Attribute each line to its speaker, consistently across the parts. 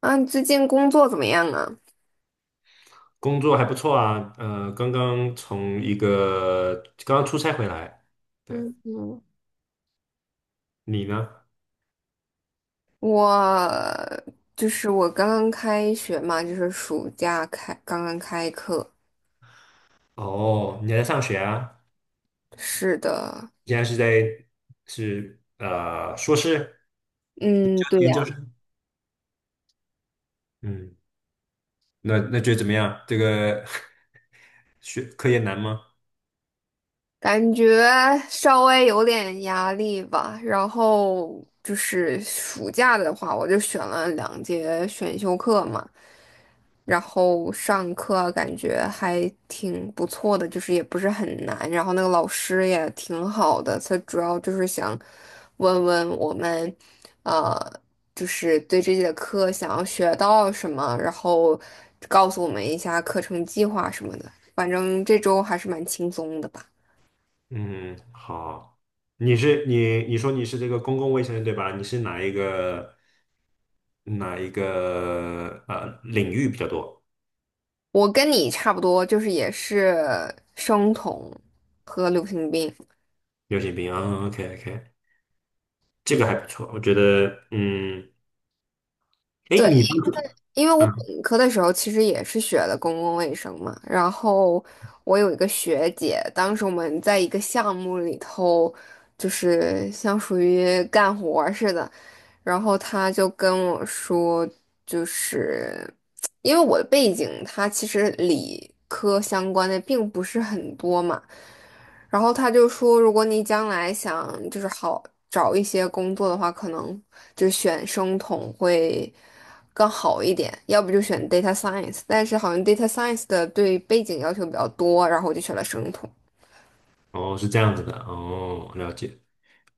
Speaker 1: 啊，你最近工作怎么样啊？
Speaker 2: 工作还不错啊，刚刚从一个刚刚出差回来，对。
Speaker 1: 嗯嗯。
Speaker 2: 你呢？
Speaker 1: 我就是我刚刚开学嘛，就是暑假开，刚刚开课。
Speaker 2: 哦，你还在上学啊？
Speaker 1: 是的，
Speaker 2: 现在是在是硕士、
Speaker 1: 嗯，对
Speaker 2: 研
Speaker 1: 呀，
Speaker 2: 究生？嗯，那觉得怎么样？这个 学科研难吗？
Speaker 1: 感觉稍微有点压力吧。然后就是暑假的话，我就选了2节选修课嘛。然后上课啊感觉还挺不错的，就是也不是很难，然后那个老师也挺好的，他主要就是想问问我们，呃，就是对这节课想要学到什么，然后告诉我们一下课程计划什么的。反正这周还是蛮轻松的吧。
Speaker 2: 嗯，好。你说你是这个公共卫生对吧？你是哪一个领域比较多？
Speaker 1: 我跟你差不多，就是也是生酮和流行病。
Speaker 2: 流行病啊，OK， OK，这个还不错，我觉得。嗯，哎，
Speaker 1: 对，
Speaker 2: 你当初。
Speaker 1: 因为我
Speaker 2: 嗯。
Speaker 1: 本科的时候其实也是学的公共卫生嘛，然后我有一个学姐，当时我们在一个项目里头，就是像属于干活儿似的，然后他就跟我说，就是因为我的背景，它其实理科相关的并不是很多嘛。然后他就说，如果你将来想就是好找一些工作的话，可能就选生统会更好一点，要不就选 data science。但是好像 data science 的对背景要求比较多，然后我就选了生统。
Speaker 2: 哦，是这样子的，哦，了解。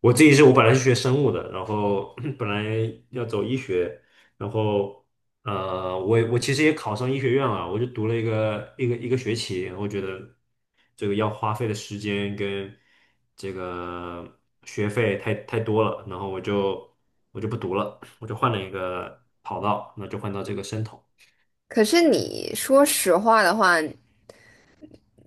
Speaker 2: 我自己是我本来是学生物的，然后 本来要走医学，然后我其实也考上医学院了，我就读了一个学期，我觉得这个要花费的时间跟这个学费太多了，然后我就不读了，我就换了一个跑道，那就换到这个生统。
Speaker 1: 可是你说实话的话，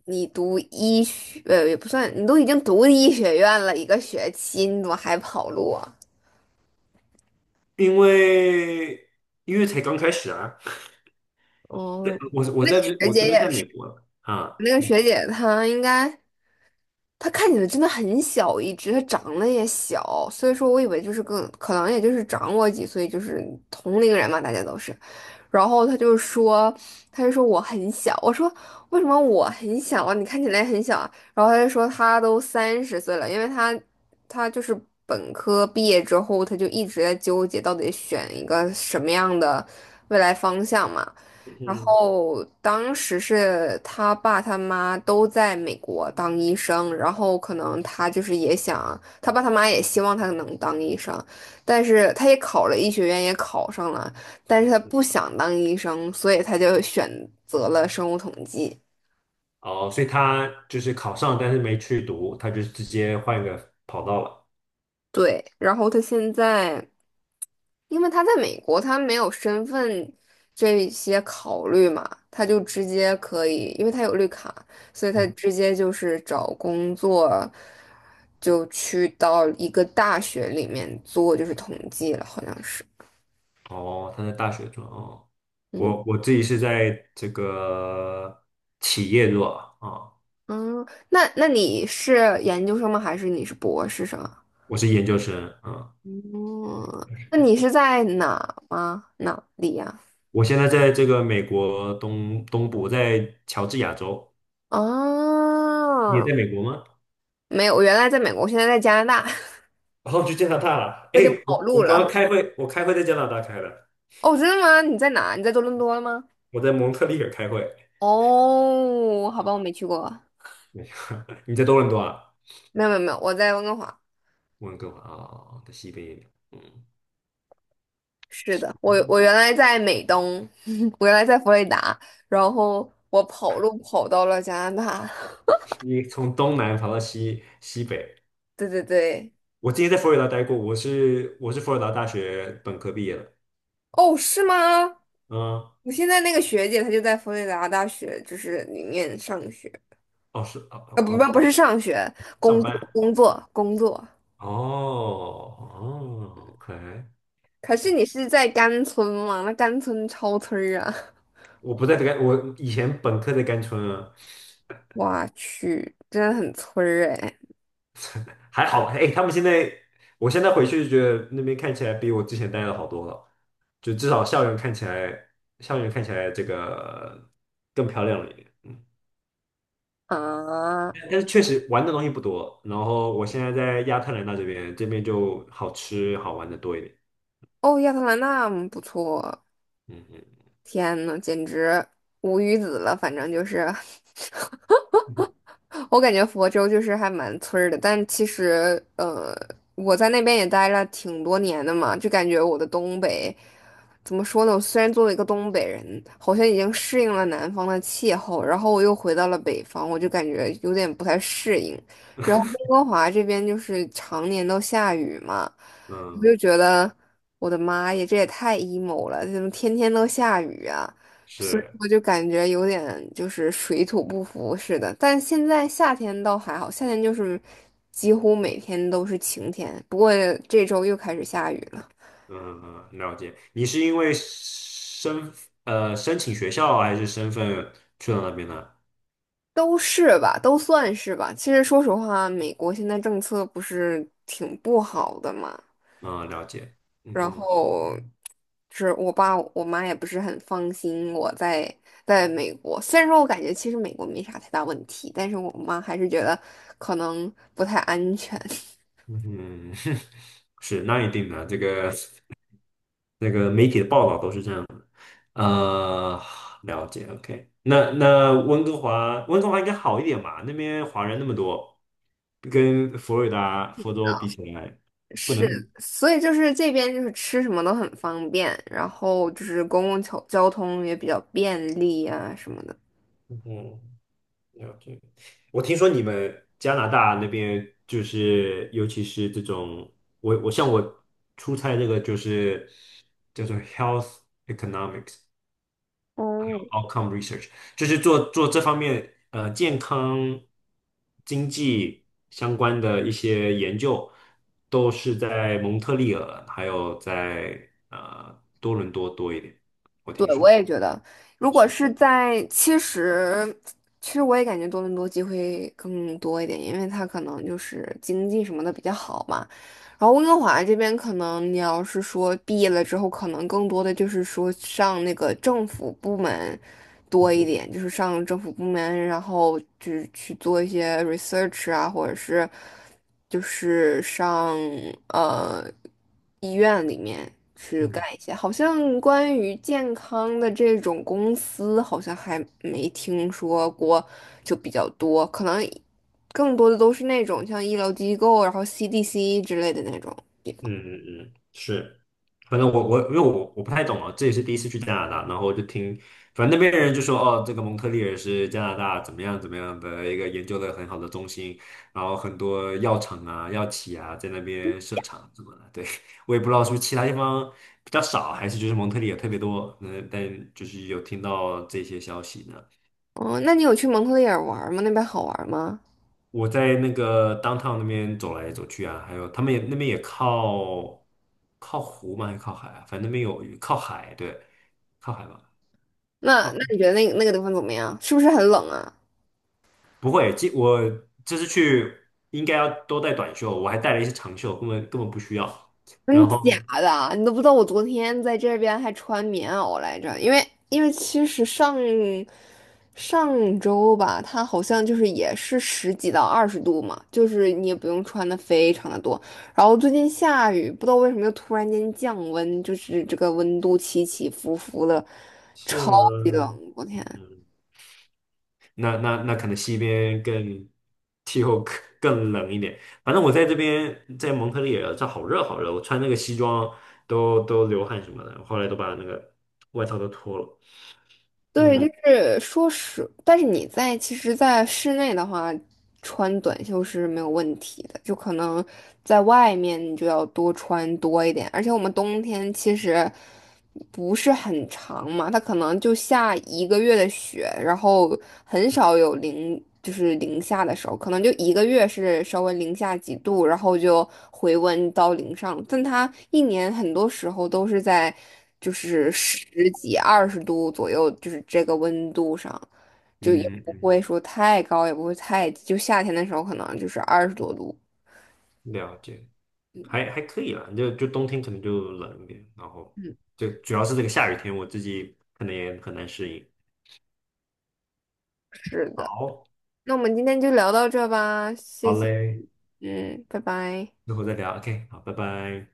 Speaker 1: 你读医学，也不算，你都已经读医学院了一个学期，你怎么还跑路啊？
Speaker 2: 因为因为才刚开始啊。对
Speaker 1: 哦，
Speaker 2: 我我
Speaker 1: 那个
Speaker 2: 在
Speaker 1: 学
Speaker 2: 我这
Speaker 1: 姐
Speaker 2: 边
Speaker 1: 也
Speaker 2: 在
Speaker 1: 是，
Speaker 2: 美国了啊。
Speaker 1: 那个学姐她应该。他看起来真的很小一只，他长得也小，所以说我以为就是更可能也就是长我几岁，就是同龄人嘛，大家都是。然后他就说，他就说我很小，我说为什么我很小啊？你看起来很小啊。然后他就说他都30岁了，因为他就是本科毕业之后，他就一直在纠结到底选一个什么样的未来方向嘛。然
Speaker 2: 嗯。
Speaker 1: 后当时是他爸他妈都在美国当医生，然后可能他就是也想，他爸他妈也希望他能当医生，但是他也考了医学院，也考上了，但是他不想当医生，所以他就选择了生物统计。
Speaker 2: 哦，所以他就是考上，但是没去读，他就直接换一个跑道了。
Speaker 1: 对，然后他现在。因为他在美国，他没有身份这些考虑嘛，他就直接可以，因为他有绿卡，所以他
Speaker 2: 嗯。
Speaker 1: 直接就是找工作，就去到一个大学里面做，就是统计了，好像是。
Speaker 2: 哦，他在大学做哦。
Speaker 1: 嗯
Speaker 2: 我自己是在这个企业做啊。
Speaker 1: 嗯，那你是研究生吗？还是你是博士生啊？
Speaker 2: 我是研究生啊。
Speaker 1: 嗯，那你是在哪吗？哪里呀？
Speaker 2: 我现在在这个美国东部，在乔治亚州。你也
Speaker 1: 哦，
Speaker 2: 在美国吗？
Speaker 1: 没有，我原来在美国，我现在在加拿大，
Speaker 2: 然后去加拿大了。
Speaker 1: 我
Speaker 2: 哎，
Speaker 1: 已经跑
Speaker 2: 我
Speaker 1: 路
Speaker 2: 刚
Speaker 1: 了。
Speaker 2: 刚开会，我开会在加拿大开的。
Speaker 1: 哦，真的吗？你在哪？你在多伦多了吗？
Speaker 2: 我在蒙特利尔开会。
Speaker 1: 哦，好吧，我没去过。
Speaker 2: 你在多伦多啊？
Speaker 1: 没有没有没有，我在温哥华。
Speaker 2: 温哥华啊，哦在西边一点。
Speaker 1: 是的，我我
Speaker 2: 嗯，
Speaker 1: 原来在美东，我原来在佛罗里达，然后我跑路跑到了加拿大。
Speaker 2: 你从东南跑到西北。
Speaker 1: 对对对，
Speaker 2: 我之前在佛罗里达待过，我是佛罗里达大学本科毕业的。
Speaker 1: 哦，是吗？
Speaker 2: 嗯。
Speaker 1: 我现在那个学姐她就在佛罗里达大学，就是里面上学，
Speaker 2: 哦是哦
Speaker 1: 啊
Speaker 2: 哦
Speaker 1: 不不
Speaker 2: 哦，
Speaker 1: 不是上学，
Speaker 2: 上
Speaker 1: 工
Speaker 2: 班
Speaker 1: 作
Speaker 2: 啊。
Speaker 1: 工作工作。
Speaker 2: 哦哦，OK。
Speaker 1: 可是你是在甘村吗？那甘村超村儿啊！
Speaker 2: 我不在甘，我以前本科在甘春啊。
Speaker 1: 我去，真的很村儿哎
Speaker 2: 还好。哎，他们现在，我现在回去觉得那边看起来比我之前待的好多了，就至少校园看起来，校园看起来这个更漂亮了一点。嗯，
Speaker 1: 啊！
Speaker 2: 但但是确实玩的东西不多。然后我现在在亚特兰大这边，这边就好吃好玩的多一点。
Speaker 1: 哦，亚特兰大嗯不错，
Speaker 2: 嗯，嗯，
Speaker 1: 天呐，简直无语子了，反正就是。
Speaker 2: 嗯，
Speaker 1: 我感觉佛州就是还蛮村儿的，但其实我在那边也待了挺多年的嘛，就感觉我的东北怎么说呢？我虽然作为一个东北人，好像已经适应了南方的气候，然后我又回到了北方，我就感觉有点不太适应。然后温哥华这边就是常年都下雨嘛，我
Speaker 2: 嗯
Speaker 1: 就觉得我的妈呀，这也太 emo 了，怎么天天都下雨啊？所以
Speaker 2: 是。
Speaker 1: 我就感觉有点就是水土不服似的。但现在夏天倒还好，夏天就是几乎每天都是晴天，不过这周又开始下雨了，
Speaker 2: 嗯，嗯，了解。你是因为申申请学校还是身份去到那边的？
Speaker 1: 都是吧，都算是吧。其实说实话，美国现在政策不是挺不好的嘛，
Speaker 2: 嗯，了解。嗯
Speaker 1: 然
Speaker 2: 嗯。
Speaker 1: 后是我爸我妈也不是很放心我在美国。虽然说我感觉其实美国没啥太大问题，但是我妈还是觉得可能不太安全。
Speaker 2: 嗯，是，那一定的，这个那个媒体的报道都是这样。呃，了解，OK。那那温哥华，温哥华应该好一点吧？那边华人那么多，跟佛罗里达、佛州比起来，不能
Speaker 1: 是，
Speaker 2: 比。
Speaker 1: 所以就是这边就是吃什么都很方便，然后就是公共交通也比较便利啊什么的。
Speaker 2: 嗯，了解。我听说你们加拿大那边就是，尤其是这种，像我出差这个就是叫做 health economics，
Speaker 1: 嗯，
Speaker 2: outcome research，就是做这方面健康经济相关的一些研究，都是在蒙特利尔还有在多伦多多一点。
Speaker 1: 对，我也觉得，如果
Speaker 2: 是。
Speaker 1: 是在其实，其实我也感觉多伦多机会更多一点，因为它可能就是经济什么的比较好嘛。然后温哥华这边可能你要是说毕业了之后，可能更多的就是说上那个政府部门多一
Speaker 2: 嗯
Speaker 1: 点，就是上政府部门，然后就是去做一些 research 啊，或者是就是上呃医院里面去干
Speaker 2: 嗯。
Speaker 1: 一些。好像关于健康的这种公司，好像还没听说过，就比较多，可能。更多的都是那种像医疗机构，然后 CDC 之类的那种地方。
Speaker 2: 嗯，嗯，嗯，是，反正我因为我不太懂啊，这也是第一次去加拿大，然后就听，反正那边人就说哦，这个蒙特利尔是加拿大怎么样怎么样的一个研究的很好的中心，然后很多药厂啊、药企啊在那边设厂什么的，对。我也不知道是不是其他地方比较少，还是就是蒙特利尔特别多，嗯，但就是有听到这些消息呢。
Speaker 1: 哦，那你有去蒙特利尔玩吗？那边好玩吗？
Speaker 2: 我在那个 downtown 那边走来走去啊，还有他们也那边也靠湖嘛，还是靠海啊？反正那边有靠海，对，靠海吧。
Speaker 1: 那
Speaker 2: 靠
Speaker 1: 那你觉得那个地方怎么样？是不是很冷啊？
Speaker 2: 不会，我这次去应该要都带短袖，我还带了一些长袖，根本不需要。
Speaker 1: 真
Speaker 2: 然
Speaker 1: 假
Speaker 2: 后
Speaker 1: 的？你都不知道我昨天在这边还穿棉袄来着，因为其实上上周吧，它好像就是也是10几到20度嘛，就是你也不用穿的非常的多。然后最近下雨，不知道为什么又突然间降温，就是这个温度起起伏伏的，
Speaker 2: 是
Speaker 1: 超
Speaker 2: 吗？
Speaker 1: 级冷，我天！
Speaker 2: 嗯，那可能西边更气候更更冷一点。反正我在这边在蒙特利尔，这好热好热，我穿那个西装都流汗什么的，后来都把那个外套都脱了。
Speaker 1: 对，就
Speaker 2: 嗯，
Speaker 1: 是说是，但是你在其实，在室内的话，穿短袖是没有问题的，就可能在外面你就要多穿多一点，而且我们冬天其实不是很长嘛，它可能就下1个月的雪，然后很少有零，就是零下的时候，可能就一个月是稍微零下几度，然后就回温到零上，但它一年很多时候都是在。就是10几、20度左右，就是这个温度上，就也
Speaker 2: 嗯，
Speaker 1: 不
Speaker 2: 嗯，
Speaker 1: 会说太高，也不会太低，就夏天的时候可能就是20多度。
Speaker 2: 了解。
Speaker 1: 嗯
Speaker 2: 还可以啦，就冬天可能就冷一点，然后
Speaker 1: 嗯，
Speaker 2: 就主要是这个下雨天，我自己可能也很难适应。
Speaker 1: 是的。
Speaker 2: 好，
Speaker 1: 那我们今天就聊到这吧，
Speaker 2: 好
Speaker 1: 谢谢。
Speaker 2: 嘞，
Speaker 1: 嗯，拜拜。
Speaker 2: 之后再聊，OK，好，拜拜。